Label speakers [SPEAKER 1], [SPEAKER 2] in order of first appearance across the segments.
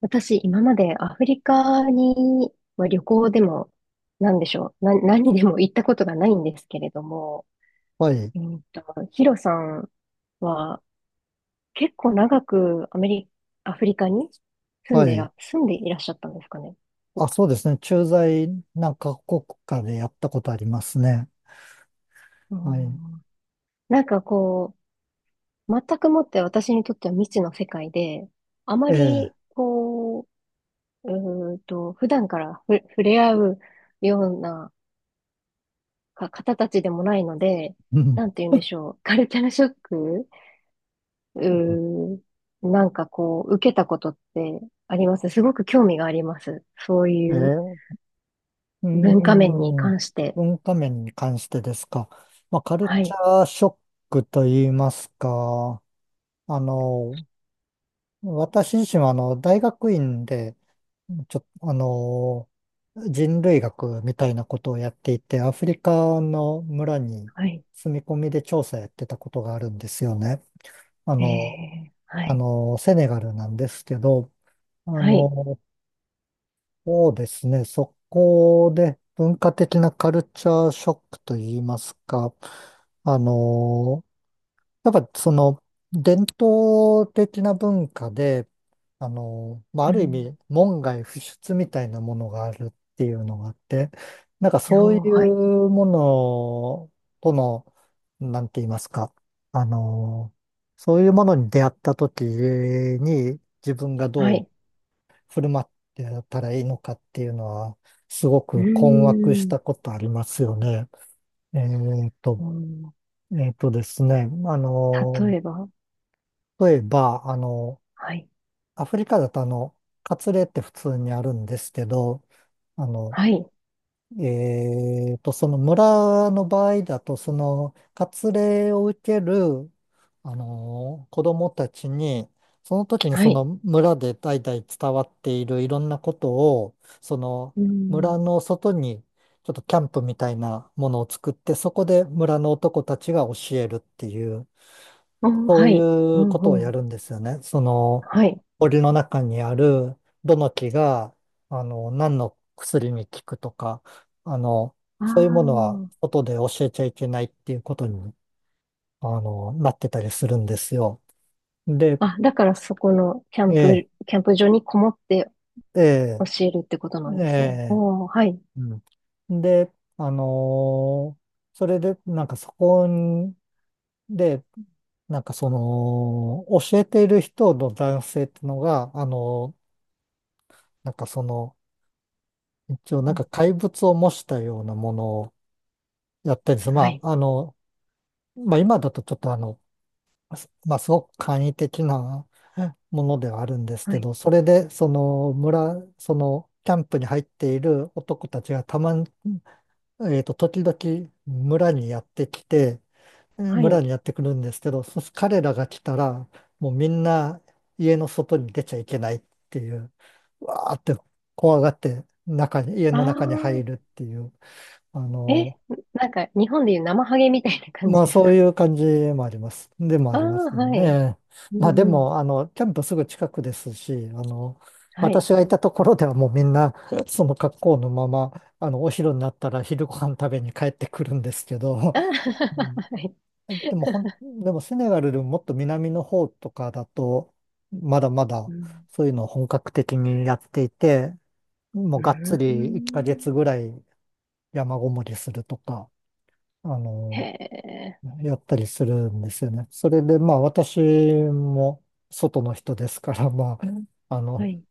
[SPEAKER 1] 私、今までアフリカに、まあ、旅行でも、なんでしょう、な、何でも行ったことがないんですけれども、
[SPEAKER 2] はい、
[SPEAKER 1] うんと、ヒロさんは結構長くアフリカに
[SPEAKER 2] はい。
[SPEAKER 1] 住んでいらっしゃったんですかね。
[SPEAKER 2] あ、そうですね。駐在なんか国家でやったことありますね。
[SPEAKER 1] う
[SPEAKER 2] はい。
[SPEAKER 1] ん、なんかこう、全くもって私にとっては未知の世界で、あま
[SPEAKER 2] ええ。
[SPEAKER 1] りこう、普段から触れ合うような方たちでもないので、
[SPEAKER 2] うん。
[SPEAKER 1] なんて言うんでしょう。カルチャーショックうーなんかこう、受けたことってあります、すごく興味があります。そう
[SPEAKER 2] ええ、
[SPEAKER 1] いう
[SPEAKER 2] ー
[SPEAKER 1] 文化面に
[SPEAKER 2] ん、
[SPEAKER 1] 関して。
[SPEAKER 2] 文化面に関してですか。まあ、カル
[SPEAKER 1] は
[SPEAKER 2] チ
[SPEAKER 1] い、
[SPEAKER 2] ャーショックと言いますか、あの、私自身は大学院で、ちょっと、人類学みたいなことをやっていて、アフリカの村に
[SPEAKER 1] はい、
[SPEAKER 2] 住み込みで調査やってたことがあるんですよね。あ
[SPEAKER 1] え
[SPEAKER 2] の、
[SPEAKER 1] え、はい、
[SPEAKER 2] セネガルなんですけど、あ
[SPEAKER 1] はい、
[SPEAKER 2] の、そうですね、そこで文化的なカルチャーショックといいますか、あの、やっぱその伝統的な文化で、まあ、
[SPEAKER 1] う
[SPEAKER 2] ある意
[SPEAKER 1] ん、
[SPEAKER 2] 味門外不出みたいなものがあるっていうのがあって、なんかそう
[SPEAKER 1] よ
[SPEAKER 2] い
[SPEAKER 1] ー、はい、
[SPEAKER 2] うものとの、なんて言いますか、あの、そういうものに出会った時に自分が
[SPEAKER 1] は
[SPEAKER 2] どう
[SPEAKER 1] い、
[SPEAKER 2] 振る舞ってたらいいのかっていうのは、すご
[SPEAKER 1] うー
[SPEAKER 2] く困惑し
[SPEAKER 1] ん、
[SPEAKER 2] たことありますよね。えっと、
[SPEAKER 1] うん、
[SPEAKER 2] えっとですね、あの、
[SPEAKER 1] 例えば、
[SPEAKER 2] 例えば、
[SPEAKER 1] はい、
[SPEAKER 2] アフリカだとカツレって普通にあるんですけど、あの、
[SPEAKER 1] はい、
[SPEAKER 2] その村の場合だと、その、カツレを受ける、子供たちに、その時に
[SPEAKER 1] は
[SPEAKER 2] そ
[SPEAKER 1] い、
[SPEAKER 2] の村で代々伝わっているいろんなことを、その
[SPEAKER 1] う
[SPEAKER 2] 村
[SPEAKER 1] ん、
[SPEAKER 2] の外に、ちょっとキャンプみたいなものを作って、そこで村の男たちが教えるっていう、
[SPEAKER 1] お、
[SPEAKER 2] そう
[SPEAKER 1] はい、う
[SPEAKER 2] いう
[SPEAKER 1] ん、
[SPEAKER 2] ことを
[SPEAKER 1] う
[SPEAKER 2] や
[SPEAKER 1] ん、
[SPEAKER 2] るんですよね。その、
[SPEAKER 1] はい、
[SPEAKER 2] 森の中にある、どの木が、何の薬に効くとか、あの、
[SPEAKER 1] あ
[SPEAKER 2] そういうものは、
[SPEAKER 1] あ、
[SPEAKER 2] 外で教えちゃいけないっていうことに、なってたりするんですよ。で、
[SPEAKER 1] あ、だからそこのキャン
[SPEAKER 2] え
[SPEAKER 1] プ、
[SPEAKER 2] え、
[SPEAKER 1] キャンプ場にこもって
[SPEAKER 2] ええ、
[SPEAKER 1] 教えるってことな
[SPEAKER 2] え
[SPEAKER 1] んですね。
[SPEAKER 2] え、
[SPEAKER 1] おー、はい、
[SPEAKER 2] うん。で、あのーそれで、なんかそこで、なんかその、教えている人の男性ってのが、なんかその、一応な
[SPEAKER 1] う
[SPEAKER 2] んか
[SPEAKER 1] ん、
[SPEAKER 2] 怪物を模したようなものをやったりする。
[SPEAKER 1] は
[SPEAKER 2] ま
[SPEAKER 1] い、
[SPEAKER 2] あ、まあ今だとちょっとすまあすごく簡易的なものではあるんです
[SPEAKER 1] は
[SPEAKER 2] け
[SPEAKER 1] い。
[SPEAKER 2] ど、それでその村、そのキャンプに入っている男たちがたまに、時々村にやってきて、
[SPEAKER 1] は
[SPEAKER 2] 村
[SPEAKER 1] い。
[SPEAKER 2] にやってくるんですけど、彼らが来たら、もうみんな家の外に出ちゃいけないっていう、わーって怖がって中に、家
[SPEAKER 1] あ
[SPEAKER 2] の中に入るっ
[SPEAKER 1] あ、
[SPEAKER 2] ていう。あ
[SPEAKER 1] え、
[SPEAKER 2] の、
[SPEAKER 1] なんか日本でいう生ハゲみたいな感じ
[SPEAKER 2] まあ
[SPEAKER 1] です
[SPEAKER 2] そう
[SPEAKER 1] か。
[SPEAKER 2] いう感じもあります。でもあ
[SPEAKER 1] ああ
[SPEAKER 2] ります
[SPEAKER 1] ー、
[SPEAKER 2] よ
[SPEAKER 1] は
[SPEAKER 2] ね。え
[SPEAKER 1] い。
[SPEAKER 2] え、
[SPEAKER 1] う
[SPEAKER 2] まあで
[SPEAKER 1] んうん。
[SPEAKER 2] も、キャンプすぐ近くですし、
[SPEAKER 1] はい。
[SPEAKER 2] 私がいたところではもうみんな、その格好のまま、お昼になったら昼ご飯食べに帰ってくるんですけど、
[SPEAKER 1] ああ、
[SPEAKER 2] うん
[SPEAKER 1] はい。
[SPEAKER 2] でもでもセネガルでももっと南の方とかだと、まだまだ
[SPEAKER 1] うん、
[SPEAKER 2] そういうのを本格的にやっていて、も
[SPEAKER 1] う
[SPEAKER 2] う
[SPEAKER 1] ー
[SPEAKER 2] がっつり1ヶ
[SPEAKER 1] ん、
[SPEAKER 2] 月ぐらい山ごもりするとか、あ
[SPEAKER 1] へ
[SPEAKER 2] の、
[SPEAKER 1] え。
[SPEAKER 2] やったりするんですよね。それでまあ私も外の人ですから、まあ、
[SPEAKER 1] はい。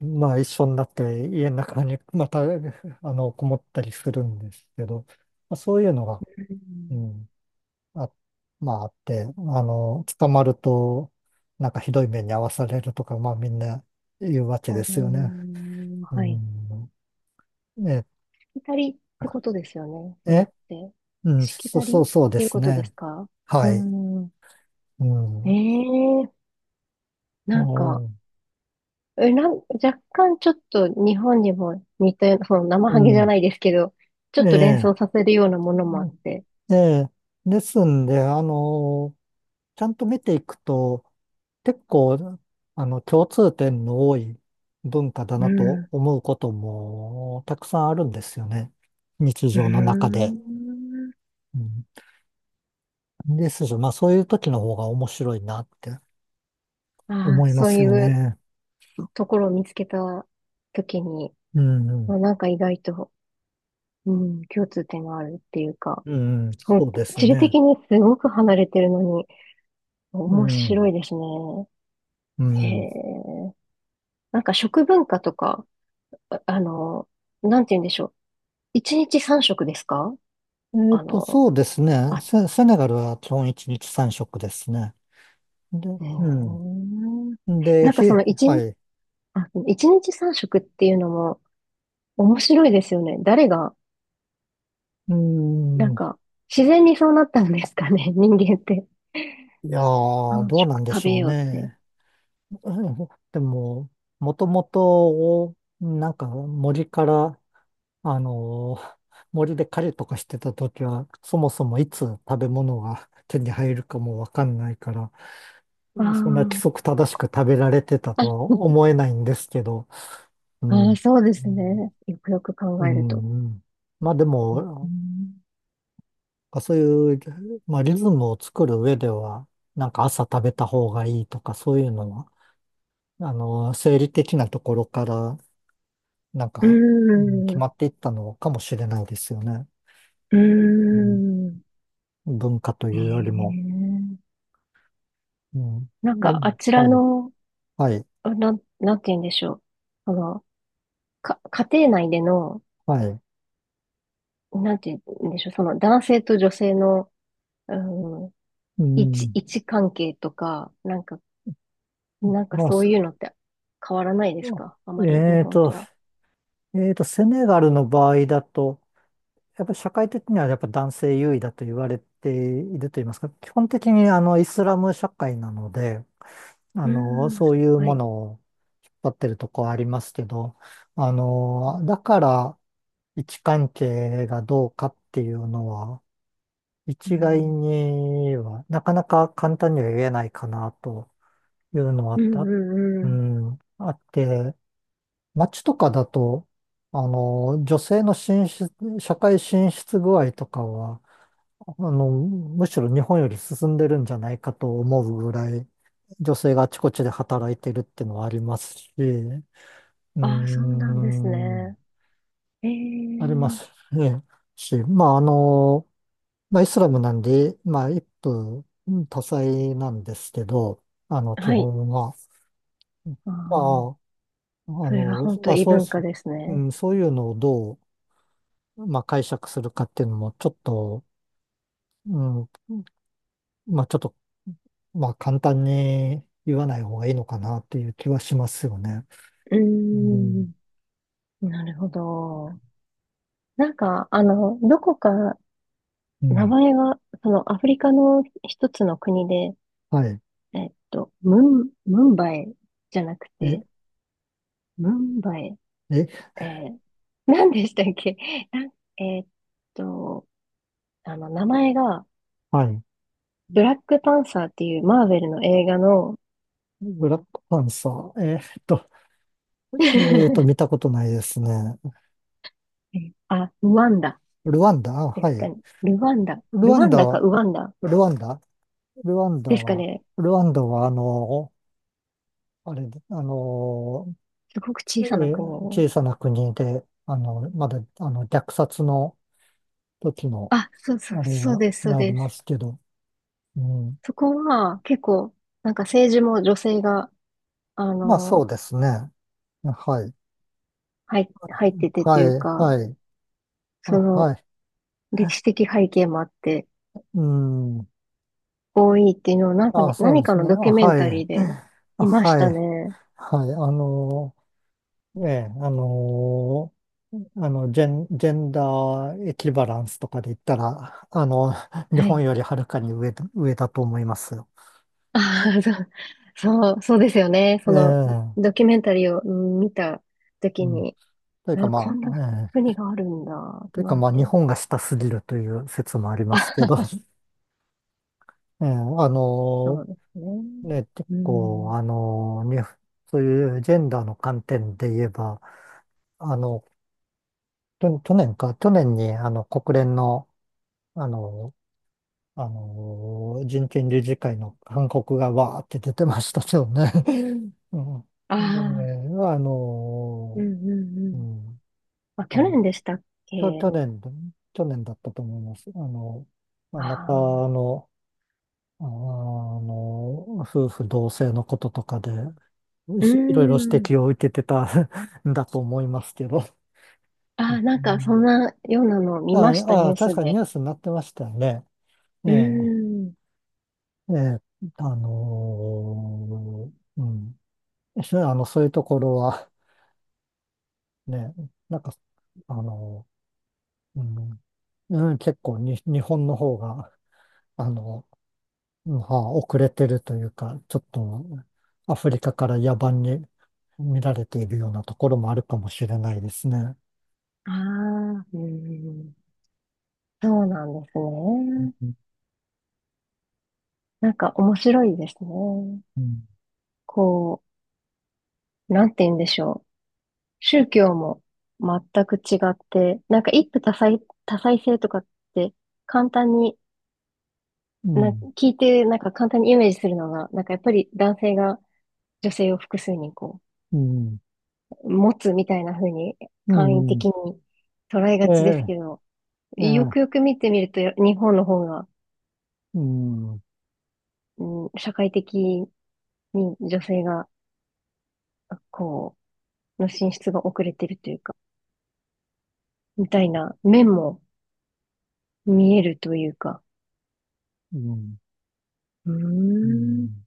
[SPEAKER 2] まあ一緒になって家の中に また、こもったりするんですけど、まあ、そういうのが、
[SPEAKER 1] う
[SPEAKER 2] う
[SPEAKER 1] ん、
[SPEAKER 2] ん、あ、まああって、捕まると、なんかひどい目に遭わされるとか、まあみんな言うわけ
[SPEAKER 1] お
[SPEAKER 2] ですよね。
[SPEAKER 1] ー、
[SPEAKER 2] う
[SPEAKER 1] はい。
[SPEAKER 2] ん、え、
[SPEAKER 1] しきたりってことですよね。それっ
[SPEAKER 2] え、
[SPEAKER 1] て。
[SPEAKER 2] うん、
[SPEAKER 1] しきたり
[SPEAKER 2] そ
[SPEAKER 1] っ
[SPEAKER 2] うそうで
[SPEAKER 1] ていう
[SPEAKER 2] す
[SPEAKER 1] ことです
[SPEAKER 2] ね。
[SPEAKER 1] か。
[SPEAKER 2] は
[SPEAKER 1] う
[SPEAKER 2] い。
[SPEAKER 1] ん。
[SPEAKER 2] うん。
[SPEAKER 1] ええ、
[SPEAKER 2] う
[SPEAKER 1] なんか、
[SPEAKER 2] ん。
[SPEAKER 1] え、なん、若干ちょっと日本にも似たような、その生
[SPEAKER 2] う
[SPEAKER 1] ハゲじゃ
[SPEAKER 2] ん、
[SPEAKER 1] ないですけど、ちょっ
[SPEAKER 2] え
[SPEAKER 1] と連
[SPEAKER 2] え、
[SPEAKER 1] 想させるようなものもあ
[SPEAKER 2] う
[SPEAKER 1] っ
[SPEAKER 2] ん、
[SPEAKER 1] て、
[SPEAKER 2] ええ。ですんで、ちゃんと見ていくと、結構、共通点の多い文化だ
[SPEAKER 1] う
[SPEAKER 2] なと
[SPEAKER 1] ん。
[SPEAKER 2] 思うこともたくさんあるんですよね。日
[SPEAKER 1] うー
[SPEAKER 2] 常の中で。
[SPEAKER 1] ん。
[SPEAKER 2] うん、ですし、まあそういう時の方が面白いなって
[SPEAKER 1] あ
[SPEAKER 2] 思
[SPEAKER 1] あ、
[SPEAKER 2] いま
[SPEAKER 1] そう
[SPEAKER 2] す
[SPEAKER 1] い
[SPEAKER 2] よ
[SPEAKER 1] う
[SPEAKER 2] ね。
[SPEAKER 1] ところを見つけた時に、
[SPEAKER 2] うん、う
[SPEAKER 1] ま
[SPEAKER 2] ん、
[SPEAKER 1] あなんか意外と、うん、共通点があるっていうか、
[SPEAKER 2] うん
[SPEAKER 1] そ
[SPEAKER 2] そ
[SPEAKER 1] う、
[SPEAKER 2] うです
[SPEAKER 1] 地理
[SPEAKER 2] ね。
[SPEAKER 1] 的にすごく離れてるのに、
[SPEAKER 2] う
[SPEAKER 1] 面白
[SPEAKER 2] ん、
[SPEAKER 1] いですね。
[SPEAKER 2] う
[SPEAKER 1] へ
[SPEAKER 2] ん。
[SPEAKER 1] え。なんか食文化とか、あ、あの、なんて言うんでしょう。一日三食ですか。
[SPEAKER 2] えっ
[SPEAKER 1] あ
[SPEAKER 2] と、
[SPEAKER 1] の、
[SPEAKER 2] そうですね。
[SPEAKER 1] あ、
[SPEAKER 2] セネガルは基本1日三食ですね。で、
[SPEAKER 1] え
[SPEAKER 2] う
[SPEAKER 1] ー、
[SPEAKER 2] ん。で、
[SPEAKER 1] なんかその一
[SPEAKER 2] は
[SPEAKER 1] 日、
[SPEAKER 2] い。
[SPEAKER 1] あ、一日三食っていうのも面白いですよね。誰が、
[SPEAKER 2] う
[SPEAKER 1] な
[SPEAKER 2] ん。
[SPEAKER 1] ん
[SPEAKER 2] い
[SPEAKER 1] か、自然にそうなったんですかね、人間って。
[SPEAKER 2] やー、
[SPEAKER 1] 三
[SPEAKER 2] どう
[SPEAKER 1] 食
[SPEAKER 2] なんで
[SPEAKER 1] 食
[SPEAKER 2] し
[SPEAKER 1] べ
[SPEAKER 2] ょう
[SPEAKER 1] ようって。
[SPEAKER 2] ね。うんでも、もともと、なんか森から、あのー森で狩りとかしてた時は、そもそもいつ食べ物が手に入るかもわかんないから、
[SPEAKER 1] あ
[SPEAKER 2] うん、そんな規
[SPEAKER 1] ー、
[SPEAKER 2] 則正しく食べられてたとは
[SPEAKER 1] あ、
[SPEAKER 2] 思えないんですけど、う
[SPEAKER 1] あ
[SPEAKER 2] ん。
[SPEAKER 1] ー、
[SPEAKER 2] う
[SPEAKER 1] そうですね。よくよく考えると。う
[SPEAKER 2] ん、うん、まあで
[SPEAKER 1] ー
[SPEAKER 2] も、
[SPEAKER 1] ん。
[SPEAKER 2] そういう、まあ、リズムを作る上では、なんか朝食べた方がいいとか、そういうのは、生理的なところから、なん
[SPEAKER 1] う
[SPEAKER 2] か、うん
[SPEAKER 1] ー
[SPEAKER 2] 決
[SPEAKER 1] ん。
[SPEAKER 2] まっていったのかもしれないですよね。
[SPEAKER 1] うー
[SPEAKER 2] うん、
[SPEAKER 1] ん。
[SPEAKER 2] 文化と
[SPEAKER 1] え
[SPEAKER 2] いうよりも。
[SPEAKER 1] え、
[SPEAKER 2] うん、
[SPEAKER 1] なん
[SPEAKER 2] ま
[SPEAKER 1] か、あち
[SPEAKER 2] あ、
[SPEAKER 1] ら
[SPEAKER 2] はい、
[SPEAKER 1] の、
[SPEAKER 2] はい、
[SPEAKER 1] なんて言うんでしょう。あの、か、家庭内での、
[SPEAKER 2] はい。
[SPEAKER 1] なんて言うんでしょう、その男性と女性の、うん、
[SPEAKER 2] うん、
[SPEAKER 1] 位置関係とか、なんか、なんか
[SPEAKER 2] まあ、
[SPEAKER 1] そ
[SPEAKER 2] す
[SPEAKER 1] ういうのって変わらないですか、あまり日
[SPEAKER 2] えー
[SPEAKER 1] 本
[SPEAKER 2] と、
[SPEAKER 1] とは。
[SPEAKER 2] えーと、セネガルの場合だと、やっぱり社会的にはやっぱ男性優位だと言われていると言いますか、基本的にあのイスラム社会なので、
[SPEAKER 1] うん、
[SPEAKER 2] そういう
[SPEAKER 1] は
[SPEAKER 2] も
[SPEAKER 1] い。
[SPEAKER 2] のを引っ張ってるとこありますけど、
[SPEAKER 1] う
[SPEAKER 2] だから位置関係がどうかっていうのは、一概
[SPEAKER 1] ん、
[SPEAKER 2] には、なかなか簡単には言えないかなというのはあ
[SPEAKER 1] う
[SPEAKER 2] っ
[SPEAKER 1] ん、う
[SPEAKER 2] た、
[SPEAKER 1] ん、う
[SPEAKER 2] う
[SPEAKER 1] ん。
[SPEAKER 2] ん、あって、街とかだと、女性の進出、社会進出具合とかは、むしろ日本より進んでるんじゃないかと思うぐらい、女性があちこちで働いてるっていうのはありますし、うー
[SPEAKER 1] ああ、そうなんですね。
[SPEAKER 2] ん、
[SPEAKER 1] え
[SPEAKER 2] ありま
[SPEAKER 1] え、
[SPEAKER 2] すね。し、まあ、まあ、イスラムなんで、まあ、一夫多妻なんですけど、基
[SPEAKER 1] はい。
[SPEAKER 2] 本は。
[SPEAKER 1] あ
[SPEAKER 2] まあ、
[SPEAKER 1] あ、それは本当
[SPEAKER 2] まあ、
[SPEAKER 1] 異
[SPEAKER 2] そうい
[SPEAKER 1] 文化
[SPEAKER 2] う、
[SPEAKER 1] です
[SPEAKER 2] う
[SPEAKER 1] ね。
[SPEAKER 2] ん、そういうのをどう、まあ、解釈するかっていうのも、ちょっと、うん、まあちょっと、まあ簡単に言わない方がいいのかなっていう気はしますよね。
[SPEAKER 1] うー
[SPEAKER 2] う
[SPEAKER 1] ん、
[SPEAKER 2] ん。
[SPEAKER 1] なるほど。なんか、あの、どこか
[SPEAKER 2] う
[SPEAKER 1] 名
[SPEAKER 2] ん。
[SPEAKER 1] 前が、そのアフリカの一つの国で、
[SPEAKER 2] はい。
[SPEAKER 1] えっと、ムンバイじゃなく
[SPEAKER 2] え、
[SPEAKER 1] て、ムンバイ、
[SPEAKER 2] え、
[SPEAKER 1] えー、何でしたっけ。 なんえっと、あの、名前が、
[SPEAKER 2] はい。
[SPEAKER 1] ブラックパンサーっていうマーベルの映画の、
[SPEAKER 2] ブラックパンサー。えーっと、
[SPEAKER 1] え
[SPEAKER 2] えーっと、見たことないですね。
[SPEAKER 1] ー、あ、ルワンダ
[SPEAKER 2] ルワンダ、あ、
[SPEAKER 1] で
[SPEAKER 2] は
[SPEAKER 1] すか
[SPEAKER 2] い。
[SPEAKER 1] ね。ルワンダ。
[SPEAKER 2] ル
[SPEAKER 1] ル
[SPEAKER 2] ワ
[SPEAKER 1] ワ
[SPEAKER 2] ン
[SPEAKER 1] ン
[SPEAKER 2] ダ
[SPEAKER 1] ダか
[SPEAKER 2] は、
[SPEAKER 1] ウワンダ
[SPEAKER 2] ルワンダルワンダ
[SPEAKER 1] ですか
[SPEAKER 2] は、
[SPEAKER 1] ね。
[SPEAKER 2] ルワンダは、あれ、
[SPEAKER 1] すごく
[SPEAKER 2] え
[SPEAKER 1] 小さな
[SPEAKER 2] ー、
[SPEAKER 1] 国。
[SPEAKER 2] 小さな国で、まだ、虐殺の時の、
[SPEAKER 1] あ、そうそう、
[SPEAKER 2] あれ
[SPEAKER 1] そう
[SPEAKER 2] が、
[SPEAKER 1] です、そう
[SPEAKER 2] があり
[SPEAKER 1] で
[SPEAKER 2] ま
[SPEAKER 1] す。
[SPEAKER 2] すけど、うん。
[SPEAKER 1] そこは結構、なんか政治も女性が、あ
[SPEAKER 2] まあそ
[SPEAKER 1] の、
[SPEAKER 2] うですね。はい。
[SPEAKER 1] 入っててと
[SPEAKER 2] は
[SPEAKER 1] いう
[SPEAKER 2] い。
[SPEAKER 1] か、
[SPEAKER 2] はい。あ、
[SPEAKER 1] その、
[SPEAKER 2] はい。
[SPEAKER 1] 歴史的背景もあって
[SPEAKER 2] うん。
[SPEAKER 1] 多いっていうのをなんか
[SPEAKER 2] あ、
[SPEAKER 1] ね、
[SPEAKER 2] そう
[SPEAKER 1] 何
[SPEAKER 2] で
[SPEAKER 1] か
[SPEAKER 2] す
[SPEAKER 1] の
[SPEAKER 2] ね。あ、
[SPEAKER 1] ドキュメン
[SPEAKER 2] は
[SPEAKER 1] タ
[SPEAKER 2] い。
[SPEAKER 1] リーで
[SPEAKER 2] あ、
[SPEAKER 1] いまし
[SPEAKER 2] は
[SPEAKER 1] た
[SPEAKER 2] い。
[SPEAKER 1] ね。
[SPEAKER 2] はい。ええ、ジェンダーエキバランスとかで言ったら、日
[SPEAKER 1] はい。
[SPEAKER 2] 本よりはるかに上だと思いますよ。
[SPEAKER 1] ああ、そう、そう、そうですよね。
[SPEAKER 2] え
[SPEAKER 1] その
[SPEAKER 2] え、
[SPEAKER 1] ドキュメンタリーをうん見たとき
[SPEAKER 2] うん。
[SPEAKER 1] に、
[SPEAKER 2] というか
[SPEAKER 1] あ、こ
[SPEAKER 2] ま
[SPEAKER 1] ん
[SPEAKER 2] あ、
[SPEAKER 1] な
[SPEAKER 2] ええ、
[SPEAKER 1] 国があるんだ、
[SPEAKER 2] という
[SPEAKER 1] な
[SPEAKER 2] か
[SPEAKER 1] ん
[SPEAKER 2] まあ、日
[SPEAKER 1] て。
[SPEAKER 2] 本が下すぎるという説もありますけ
[SPEAKER 1] あ、
[SPEAKER 2] ど、ええ、
[SPEAKER 1] そ
[SPEAKER 2] の
[SPEAKER 1] うですね。
[SPEAKER 2] ーね、結
[SPEAKER 1] うん。
[SPEAKER 2] 構、そういうジェンダーの観点で言えば、あの、去年か、去年に、国連の、あの、人権理事会の勧告がわーって出てましたけどね。うん。
[SPEAKER 1] ああ、
[SPEAKER 2] で、
[SPEAKER 1] うんうんう
[SPEAKER 2] う
[SPEAKER 1] ん。
[SPEAKER 2] ん、
[SPEAKER 1] あ、
[SPEAKER 2] あ
[SPEAKER 1] 去
[SPEAKER 2] の、
[SPEAKER 1] 年でしたっけ。
[SPEAKER 2] 去年だ、去年だったと思います。まあ
[SPEAKER 1] あ
[SPEAKER 2] また、
[SPEAKER 1] あ、
[SPEAKER 2] の、夫婦同姓のこととかで、
[SPEAKER 1] う
[SPEAKER 2] いろいろ指
[SPEAKER 1] ん。
[SPEAKER 2] 摘を受けてた んだと思いますけど。う
[SPEAKER 1] ああ、なんかそん
[SPEAKER 2] ん、
[SPEAKER 1] なようなのを見ました、
[SPEAKER 2] あ
[SPEAKER 1] ニュ
[SPEAKER 2] あ、
[SPEAKER 1] ー
[SPEAKER 2] 確
[SPEAKER 1] ス
[SPEAKER 2] かにニ
[SPEAKER 1] で。
[SPEAKER 2] ュースになってましたよね。え
[SPEAKER 1] う
[SPEAKER 2] え、
[SPEAKER 1] ん。
[SPEAKER 2] ええ、あのうん。そう、そういうところは、ね、なんか、あのーうん、うん、結構に、日本の方が、あの、うんはあ遅れてるというか、ちょっとアフリカから野蛮に見られているようなところもあるかもしれないですね。
[SPEAKER 1] ああ、うん。そうなんですね。
[SPEAKER 2] うん、
[SPEAKER 1] なんか面白いですね。
[SPEAKER 2] うん、
[SPEAKER 1] こう、なんて言うんでしょう。宗教も全く違って、なんか一夫多妻、多妻制とかって簡単に、
[SPEAKER 2] う
[SPEAKER 1] な、
[SPEAKER 2] ん、
[SPEAKER 1] 聞いてなんか簡単にイメージするのが、なんかやっぱり男性が女性を複数にこ
[SPEAKER 2] うん、
[SPEAKER 1] う、持つみたいな風に
[SPEAKER 2] う
[SPEAKER 1] 簡易的
[SPEAKER 2] ん、
[SPEAKER 1] に捉え
[SPEAKER 2] え
[SPEAKER 1] がちです
[SPEAKER 2] え、
[SPEAKER 1] けど、
[SPEAKER 2] え
[SPEAKER 1] よ
[SPEAKER 2] え、
[SPEAKER 1] くよく見てみると日本の方が、
[SPEAKER 2] うん、う
[SPEAKER 1] うん、社会的に女性がこの進出が遅れてるというか、みたいな面も見えるというか。
[SPEAKER 2] ん、
[SPEAKER 1] う
[SPEAKER 2] う
[SPEAKER 1] ーん。
[SPEAKER 2] ん。